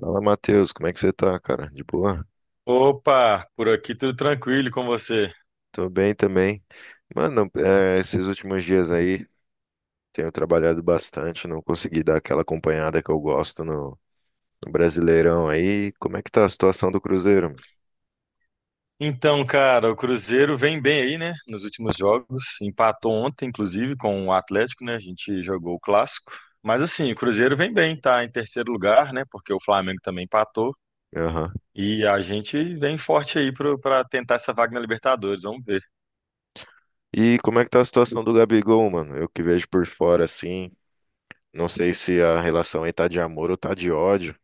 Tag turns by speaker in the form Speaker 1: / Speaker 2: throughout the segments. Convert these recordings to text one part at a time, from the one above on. Speaker 1: Fala, Matheus, como é que você tá, cara? De boa?
Speaker 2: Opa, por aqui tudo tranquilo e com você.
Speaker 1: Tô bem também. Mano, esses últimos dias aí tenho trabalhado bastante, não consegui dar aquela acompanhada que eu gosto no Brasileirão aí. Como é que tá a situação do Cruzeiro, mano?
Speaker 2: Então, cara, o Cruzeiro vem bem aí, né? Nos últimos jogos, empatou ontem, inclusive, com o Atlético, né? A gente jogou o clássico. Mas assim, o Cruzeiro vem bem, tá em terceiro lugar, né? Porque o Flamengo também empatou.
Speaker 1: Aham.
Speaker 2: E a gente vem forte aí pra tentar essa vaga na Libertadores, vamos ver.
Speaker 1: E como é que tá a situação do Gabigol, mano? Eu que vejo por fora assim, não sei se a relação aí tá de amor ou tá de ódio.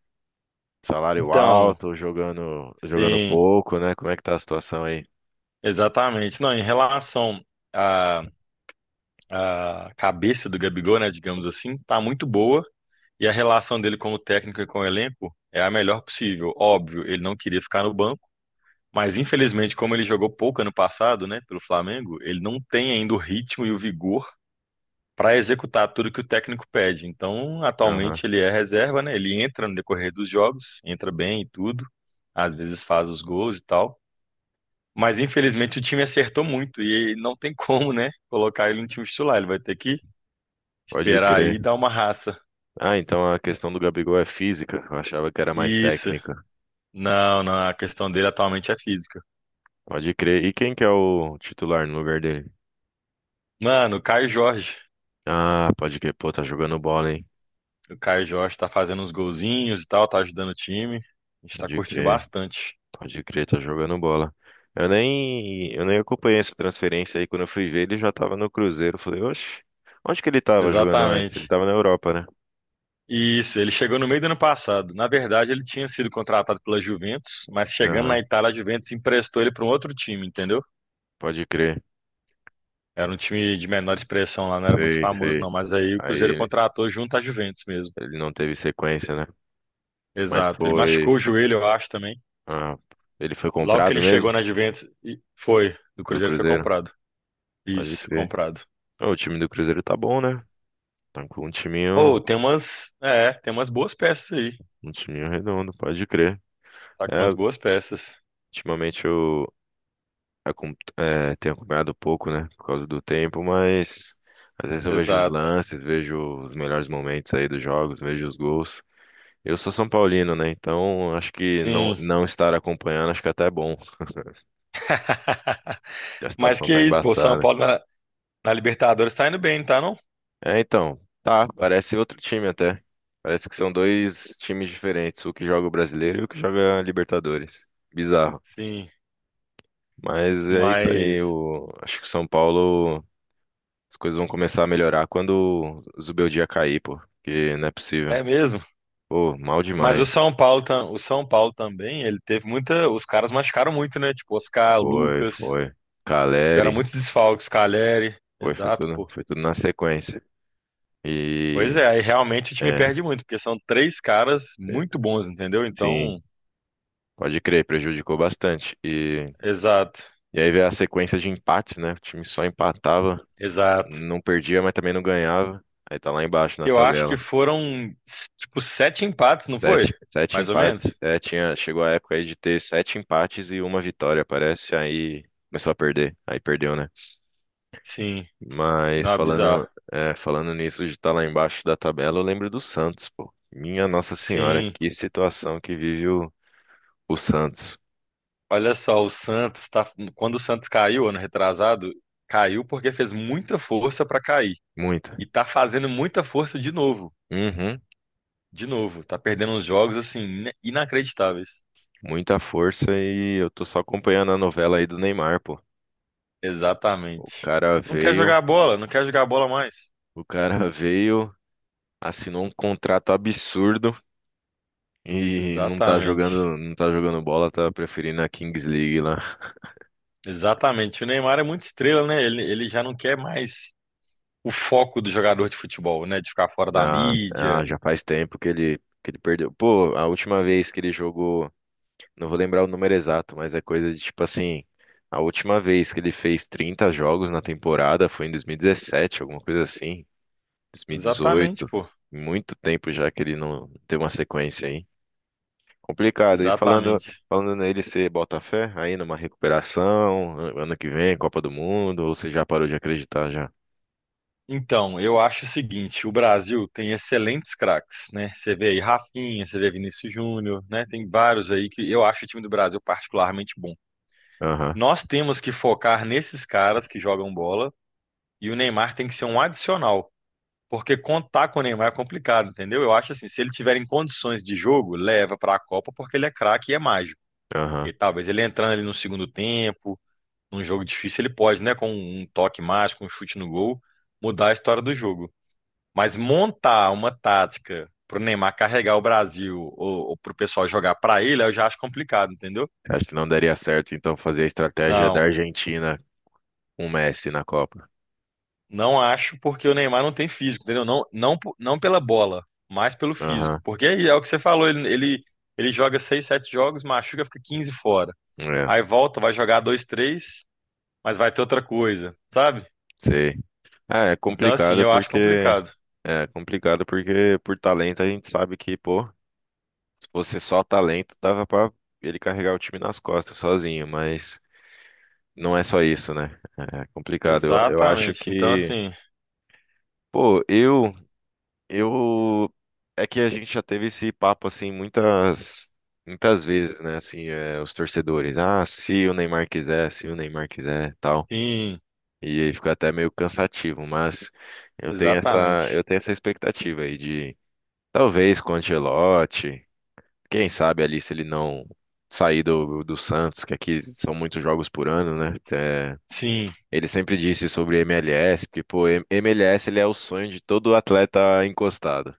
Speaker 1: Salário
Speaker 2: Então,
Speaker 1: alto, jogando, jogando
Speaker 2: sim,
Speaker 1: pouco, né? Como é que tá a situação aí?
Speaker 2: exatamente. Não, em relação à, à cabeça do Gabigol, né? Digamos assim, tá muito boa. E a relação dele como técnico e com o elenco é a melhor possível. Óbvio, ele não queria ficar no banco, mas infelizmente, como ele jogou pouco ano passado, né, pelo Flamengo, ele não tem ainda o ritmo e o vigor para executar tudo que o técnico pede. Então,
Speaker 1: Aham.
Speaker 2: atualmente ele é reserva, né? Ele entra no decorrer dos jogos, entra bem e tudo, às vezes faz os gols e tal. Mas infelizmente o time acertou muito e não tem como, né, colocar ele no time titular. Ele vai ter que
Speaker 1: Pode
Speaker 2: esperar aí
Speaker 1: crer.
Speaker 2: e dar uma raça.
Speaker 1: Ah, então a questão do Gabigol é física. Eu achava que era mais
Speaker 2: Isso.
Speaker 1: técnica.
Speaker 2: Não, não, a questão dele atualmente é física.
Speaker 1: Pode crer. E quem que é o titular no lugar dele?
Speaker 2: Mano, o Caio Jorge.
Speaker 1: Ah, pode crer. Pô, tá jogando bola, hein?
Speaker 2: O Caio Jorge tá fazendo uns golzinhos e tal, tá ajudando o time. A gente tá
Speaker 1: Pode
Speaker 2: curtindo
Speaker 1: crer.
Speaker 2: bastante.
Speaker 1: Pode crer, tá jogando bola. Eu nem acompanhei essa transferência aí. Quando eu fui ver, ele já tava no Cruzeiro. Eu falei, oxe, onde que ele tava jogando antes? Ele
Speaker 2: Exatamente.
Speaker 1: tava na Europa, né?
Speaker 2: E isso, ele chegou no meio do ano passado. Na verdade, ele tinha sido contratado pela Juventus, mas chegando na
Speaker 1: Aham,
Speaker 2: Itália, a Juventus emprestou ele para um outro time, entendeu?
Speaker 1: pode crer.
Speaker 2: Era um time de menor expressão lá, não era muito
Speaker 1: Sei,
Speaker 2: famoso,
Speaker 1: sei.
Speaker 2: não. Mas aí o
Speaker 1: Aí
Speaker 2: Cruzeiro
Speaker 1: ele
Speaker 2: contratou junto à Juventus mesmo.
Speaker 1: ele não teve sequência, né? Mas
Speaker 2: Exato. Ele
Speaker 1: foi.
Speaker 2: machucou o joelho, eu acho, também.
Speaker 1: Ah, ele foi
Speaker 2: Logo que
Speaker 1: comprado
Speaker 2: ele
Speaker 1: mesmo
Speaker 2: chegou na Juventus, e foi. O
Speaker 1: pelo
Speaker 2: Cruzeiro foi
Speaker 1: Cruzeiro?
Speaker 2: comprado.
Speaker 1: Pode
Speaker 2: Isso,
Speaker 1: crer.
Speaker 2: comprado.
Speaker 1: Ô, o time do Cruzeiro tá bom, né? Tá com
Speaker 2: Ou tem umas, é, tem umas boas peças aí.
Speaker 1: um timinho redondo, pode crer.
Speaker 2: Tá com
Speaker 1: É,
Speaker 2: umas boas peças.
Speaker 1: ultimamente eu tenho acompanhado pouco, né? Por causa do tempo, mas às vezes eu vejo os
Speaker 2: Exato.
Speaker 1: lances, vejo os melhores momentos aí dos jogos, vejo os gols. Eu sou São Paulino, né? Então acho que não,
Speaker 2: Sim.
Speaker 1: não estar acompanhando, acho que até é bom. A
Speaker 2: Mas
Speaker 1: situação
Speaker 2: que
Speaker 1: tá
Speaker 2: é isso, pô, São
Speaker 1: embaçada.
Speaker 2: Paulo na, na Libertadores tá indo bem, tá não?
Speaker 1: É, então, tá, parece outro time até. Parece que são dois times diferentes, o que joga o brasileiro e o que joga a Libertadores. Bizarro.
Speaker 2: Sim,
Speaker 1: Mas é isso aí.
Speaker 2: mas
Speaker 1: O... Acho que o São Paulo, as coisas vão começar a melhorar quando o Zubeldia cair, pô. Porque não é possível.
Speaker 2: é mesmo.
Speaker 1: Pô, mal
Speaker 2: Mas
Speaker 1: demais.
Speaker 2: o São Paulo, o São Paulo também, ele teve muita, os caras machucaram muito, né? Tipo, Oscar, o
Speaker 1: Foi,
Speaker 2: Lucas,
Speaker 1: foi.
Speaker 2: tiveram
Speaker 1: Caleri.
Speaker 2: muitos desfalques, Caleri.
Speaker 1: Foi,
Speaker 2: Exato, pô.
Speaker 1: foi tudo na sequência.
Speaker 2: Pois
Speaker 1: E,
Speaker 2: é, aí realmente o time
Speaker 1: é,
Speaker 2: perde muito, porque são três caras muito bons, entendeu?
Speaker 1: sim,
Speaker 2: Então,
Speaker 1: pode crer, prejudicou bastante. E,
Speaker 2: exato.
Speaker 1: e aí veio a sequência de empates, né? O time só empatava,
Speaker 2: Exato.
Speaker 1: não perdia, mas também não ganhava. Aí tá lá embaixo na
Speaker 2: Eu acho que
Speaker 1: tabela.
Speaker 2: foram, tipo, sete empates, não foi?
Speaker 1: Sete, sete
Speaker 2: Mais ou
Speaker 1: empates.
Speaker 2: menos?
Speaker 1: É, tinha, chegou a época aí de ter sete empates e uma vitória, parece. Aí começou a perder. Aí perdeu, né?
Speaker 2: Sim.
Speaker 1: Mas
Speaker 2: Não, é
Speaker 1: falando,
Speaker 2: bizarro.
Speaker 1: é, falando nisso de estar lá embaixo da tabela, eu lembro do Santos, pô. Minha Nossa Senhora,
Speaker 2: Sim.
Speaker 1: que situação que vive o Santos.
Speaker 2: Olha só, o Santos tá. Quando o Santos caiu, ano retrasado, caiu porque fez muita força pra cair.
Speaker 1: Muita.
Speaker 2: E tá fazendo muita força de novo.
Speaker 1: Uhum,
Speaker 2: De novo. Tá perdendo uns jogos, assim, inacreditáveis.
Speaker 1: muita força e eu tô só acompanhando a novela aí do Neymar, pô. O
Speaker 2: Exatamente.
Speaker 1: cara
Speaker 2: Não quer
Speaker 1: veio,
Speaker 2: jogar bola, não quer jogar bola mais.
Speaker 1: o cara veio, assinou um contrato absurdo. E não tá
Speaker 2: Exatamente.
Speaker 1: jogando, não tá jogando bola, tá preferindo a Kings League lá.
Speaker 2: Exatamente. O Neymar é muito estrela, né? Ele já não quer mais. O foco do jogador de futebol, né? De ficar fora da
Speaker 1: Na, ah,
Speaker 2: mídia.
Speaker 1: já faz tempo que ele, perdeu. Pô, a última vez que ele jogou, não vou lembrar o número exato, mas é coisa de tipo assim, a última vez que ele fez 30 jogos na temporada foi em 2017, alguma coisa assim,
Speaker 2: Exatamente,
Speaker 1: 2018.
Speaker 2: pô.
Speaker 1: Muito tempo já que ele não tem uma sequência aí. Complicado. E falando,
Speaker 2: Exatamente.
Speaker 1: falando nele, você bota fé aí numa recuperação, ano que vem, Copa do Mundo, ou você já parou de acreditar já?
Speaker 2: Então, eu acho o seguinte, o Brasil tem excelentes craques, né? Você vê aí Rafinha, você vê Vinícius Júnior, né? Tem vários aí que eu acho o time do Brasil particularmente bom.
Speaker 1: Aham,
Speaker 2: Nós temos que focar nesses caras que jogam bola e o Neymar tem que ser um adicional, porque contar com o Neymar é complicado, entendeu? Eu acho assim, se ele tiver em condições de jogo, leva para a Copa porque ele é craque e é mágico.
Speaker 1: aham.
Speaker 2: E talvez ele entrando ali no segundo tempo, num jogo difícil, ele pode, né? Com um toque mágico, um chute no gol, mudar a história do jogo. Mas montar uma tática pro Neymar carregar o Brasil ou pro pessoal jogar pra ele, eu já acho complicado, entendeu?
Speaker 1: Acho que não daria certo, então, fazer a estratégia da
Speaker 2: Não,
Speaker 1: Argentina com o Messi na Copa.
Speaker 2: não acho porque o Neymar não tem físico, entendeu? Não, não, não pela bola, mas pelo físico.
Speaker 1: Aham,
Speaker 2: Porque é, é o que você falou, ele joga seis, sete jogos, machuca, fica 15 fora.
Speaker 1: é,
Speaker 2: Aí volta, vai jogar dois, três, mas vai ter outra coisa, sabe?
Speaker 1: sei. Ah, é
Speaker 2: Então, assim,
Speaker 1: complicado
Speaker 2: eu acho
Speaker 1: porque...
Speaker 2: complicado.
Speaker 1: É complicado porque por talento a gente sabe que, pô, se fosse só talento, dava pra ele carregar o time nas costas sozinho, mas não é só isso, né? É complicado. Eu acho
Speaker 2: Exatamente. Então,
Speaker 1: que,
Speaker 2: assim,
Speaker 1: pô, eu... Eu é que a gente já teve esse papo assim muitas muitas vezes, né? Assim, é, os torcedores, ah, se o Neymar quiser, se o Neymar quiser, tal.
Speaker 2: sim,
Speaker 1: E aí fica até meio cansativo, mas eu tenho essa eu
Speaker 2: exatamente.
Speaker 1: tenho essa expectativa aí de talvez com o Ancelotti, quem sabe ali se ele não sair do Santos, que aqui são muitos jogos por ano, né? É,
Speaker 2: Sim,
Speaker 1: ele sempre disse sobre MLS, porque pô, MLS ele é o sonho de todo atleta encostado.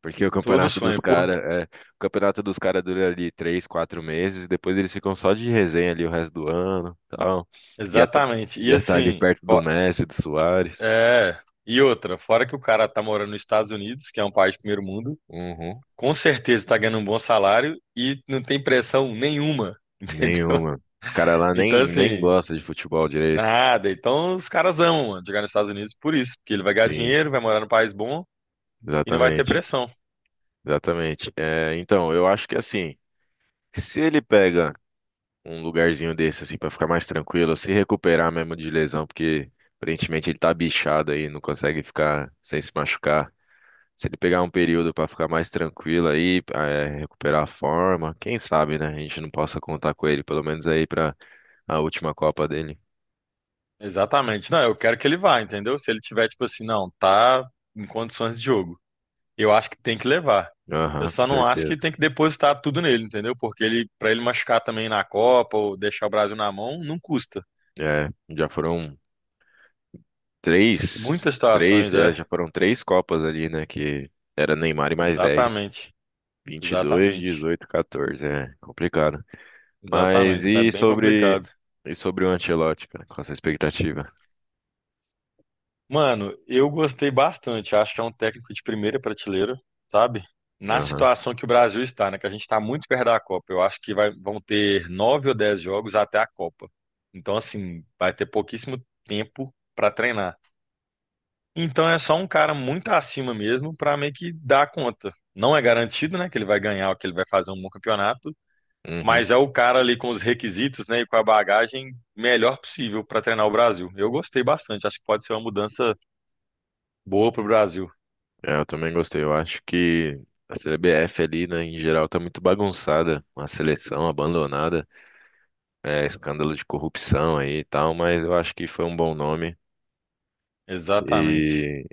Speaker 1: Porque o
Speaker 2: todo
Speaker 1: campeonato dos
Speaker 2: sonho, porque
Speaker 1: caras, é, o campeonato dos caras dura ali três, quatro meses, e depois eles ficam só de resenha ali o resto do ano, tal. Ia tá,
Speaker 2: exatamente. E
Speaker 1: ia tá ali
Speaker 2: assim,
Speaker 1: perto do
Speaker 2: ó,
Speaker 1: Messi, do Suárez.
Speaker 2: é, e outra, fora que o cara tá morando nos Estados Unidos, que é um país de primeiro mundo,
Speaker 1: Uhum.
Speaker 2: com certeza tá ganhando um bom salário e não tem pressão nenhuma, entendeu?
Speaker 1: Nenhuma. Os caras lá
Speaker 2: Então
Speaker 1: nem, nem
Speaker 2: assim,
Speaker 1: gostam de futebol direito.
Speaker 2: nada. Então os caras amam, mano, jogar nos Estados Unidos por isso, porque ele vai ganhar
Speaker 1: Sim,
Speaker 2: dinheiro, vai morar num país bom e não vai ter
Speaker 1: exatamente,
Speaker 2: pressão.
Speaker 1: exatamente. É, então, eu acho que assim, se ele pega um lugarzinho desse assim pra ficar mais tranquilo, se recuperar mesmo de lesão, porque aparentemente ele tá bichado aí, não consegue ficar sem se machucar. Se ele pegar um período pra ficar mais tranquilo aí, é, recuperar a forma, quem sabe, né? A gente não possa contar com ele, pelo menos aí pra a última Copa dele.
Speaker 2: Exatamente. Não, eu quero que ele vá, entendeu? Se ele tiver tipo assim, não, tá em condições de jogo. Eu acho que tem que levar. Eu
Speaker 1: Aham, com
Speaker 2: só não acho
Speaker 1: certeza.
Speaker 2: que tem que depositar tudo nele, entendeu? Porque ele, para ele machucar também na Copa ou deixar o Brasil na mão, não custa.
Speaker 1: É, já foram
Speaker 2: Muitas situações, é.
Speaker 1: três Copas ali, né? Que era Neymar e mais 10
Speaker 2: Exatamente.
Speaker 1: 22
Speaker 2: Exatamente.
Speaker 1: 18 14, é complicado. Mas
Speaker 2: Exatamente. Tá
Speaker 1: e
Speaker 2: bem
Speaker 1: sobre
Speaker 2: complicado.
Speaker 1: e sobre o Ancelotti, cara? Qual a sua expectativa?
Speaker 2: Mano, eu gostei bastante. Acho que é um técnico de primeira prateleira, sabe? Na
Speaker 1: Aham.
Speaker 2: situação que o Brasil está, né? Que a gente está muito perto da Copa. Eu acho que vão ter 9 ou 10 jogos até a Copa. Então, assim, vai ter pouquíssimo tempo para treinar. Então é só um cara muito acima mesmo para meio que dar conta. Não é garantido, né, que ele vai ganhar ou que ele vai fazer um bom campeonato,
Speaker 1: Uhum.
Speaker 2: mas é o cara ali com os requisitos, né, e com a bagagem melhor possível para treinar o Brasil. Eu gostei bastante, acho que pode ser uma mudança boa para o Brasil.
Speaker 1: É, eu também gostei. Eu acho que a CBF ali, né, em geral, tá muito bagunçada. Uma seleção abandonada, é, escândalo de corrupção aí e tal, mas eu acho que foi um bom nome.
Speaker 2: Exatamente.
Speaker 1: E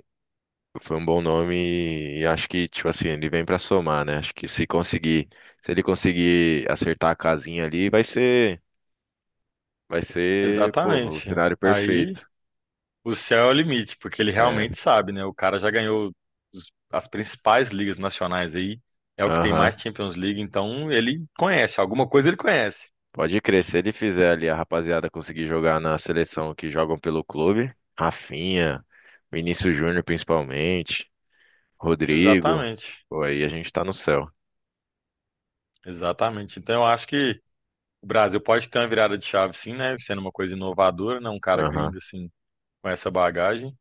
Speaker 1: foi um bom nome e acho que, tipo assim, ele vem pra somar, né? Acho que se conseguir, se ele conseguir acertar a casinha ali, vai ser, pô, o
Speaker 2: Exatamente.
Speaker 1: cenário
Speaker 2: Aí
Speaker 1: perfeito.
Speaker 2: o céu é o limite, porque ele
Speaker 1: É,
Speaker 2: realmente sabe, né? O cara já ganhou as principais ligas nacionais aí, é o que tem mais
Speaker 1: aham.
Speaker 2: Champions League, então ele conhece, alguma coisa ele conhece.
Speaker 1: Pode crer, se ele fizer ali a rapaziada conseguir jogar na seleção que jogam pelo clube, Rafinha, Vinícius Júnior principalmente, Rodrigo,
Speaker 2: Exatamente.
Speaker 1: pô, aí a gente tá no céu.
Speaker 2: Exatamente. Então eu acho que o Brasil pode ter uma virada de chave, sim, né? Sendo uma coisa inovadora, né? Um cara gringo
Speaker 1: Aham.
Speaker 2: assim com essa bagagem.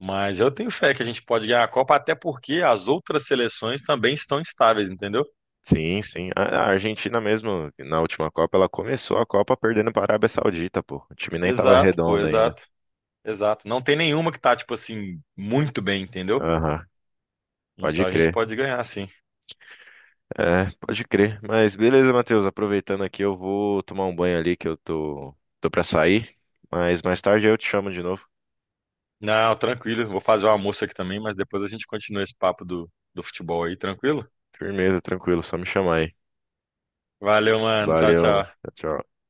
Speaker 2: Mas eu tenho fé que a gente pode ganhar a Copa, até porque as outras seleções também estão estáveis, entendeu?
Speaker 1: Sim, sim. A Argentina mesmo, na última Copa, ela começou a Copa perdendo para a Arábia Saudita, pô. O time nem tava
Speaker 2: Exato, pô,
Speaker 1: redondo ainda.
Speaker 2: exato, exato. Não tem nenhuma que tá, tipo assim, muito bem, entendeu?
Speaker 1: Aham.
Speaker 2: Então
Speaker 1: Pode
Speaker 2: a gente
Speaker 1: crer.
Speaker 2: pode ganhar, sim.
Speaker 1: É, pode crer. Mas beleza, Matheus, aproveitando aqui, eu vou tomar um banho ali que eu tô pra sair. Mas mais tarde eu te chamo de novo.
Speaker 2: Não, tranquilo. Vou fazer o almoço aqui também, mas depois a gente continua esse papo do futebol aí, tranquilo?
Speaker 1: Firmeza, tranquilo, só me chamar aí.
Speaker 2: Valeu, mano. Tchau,
Speaker 1: Valeu, mano.
Speaker 2: tchau.
Speaker 1: Tchau, tchau.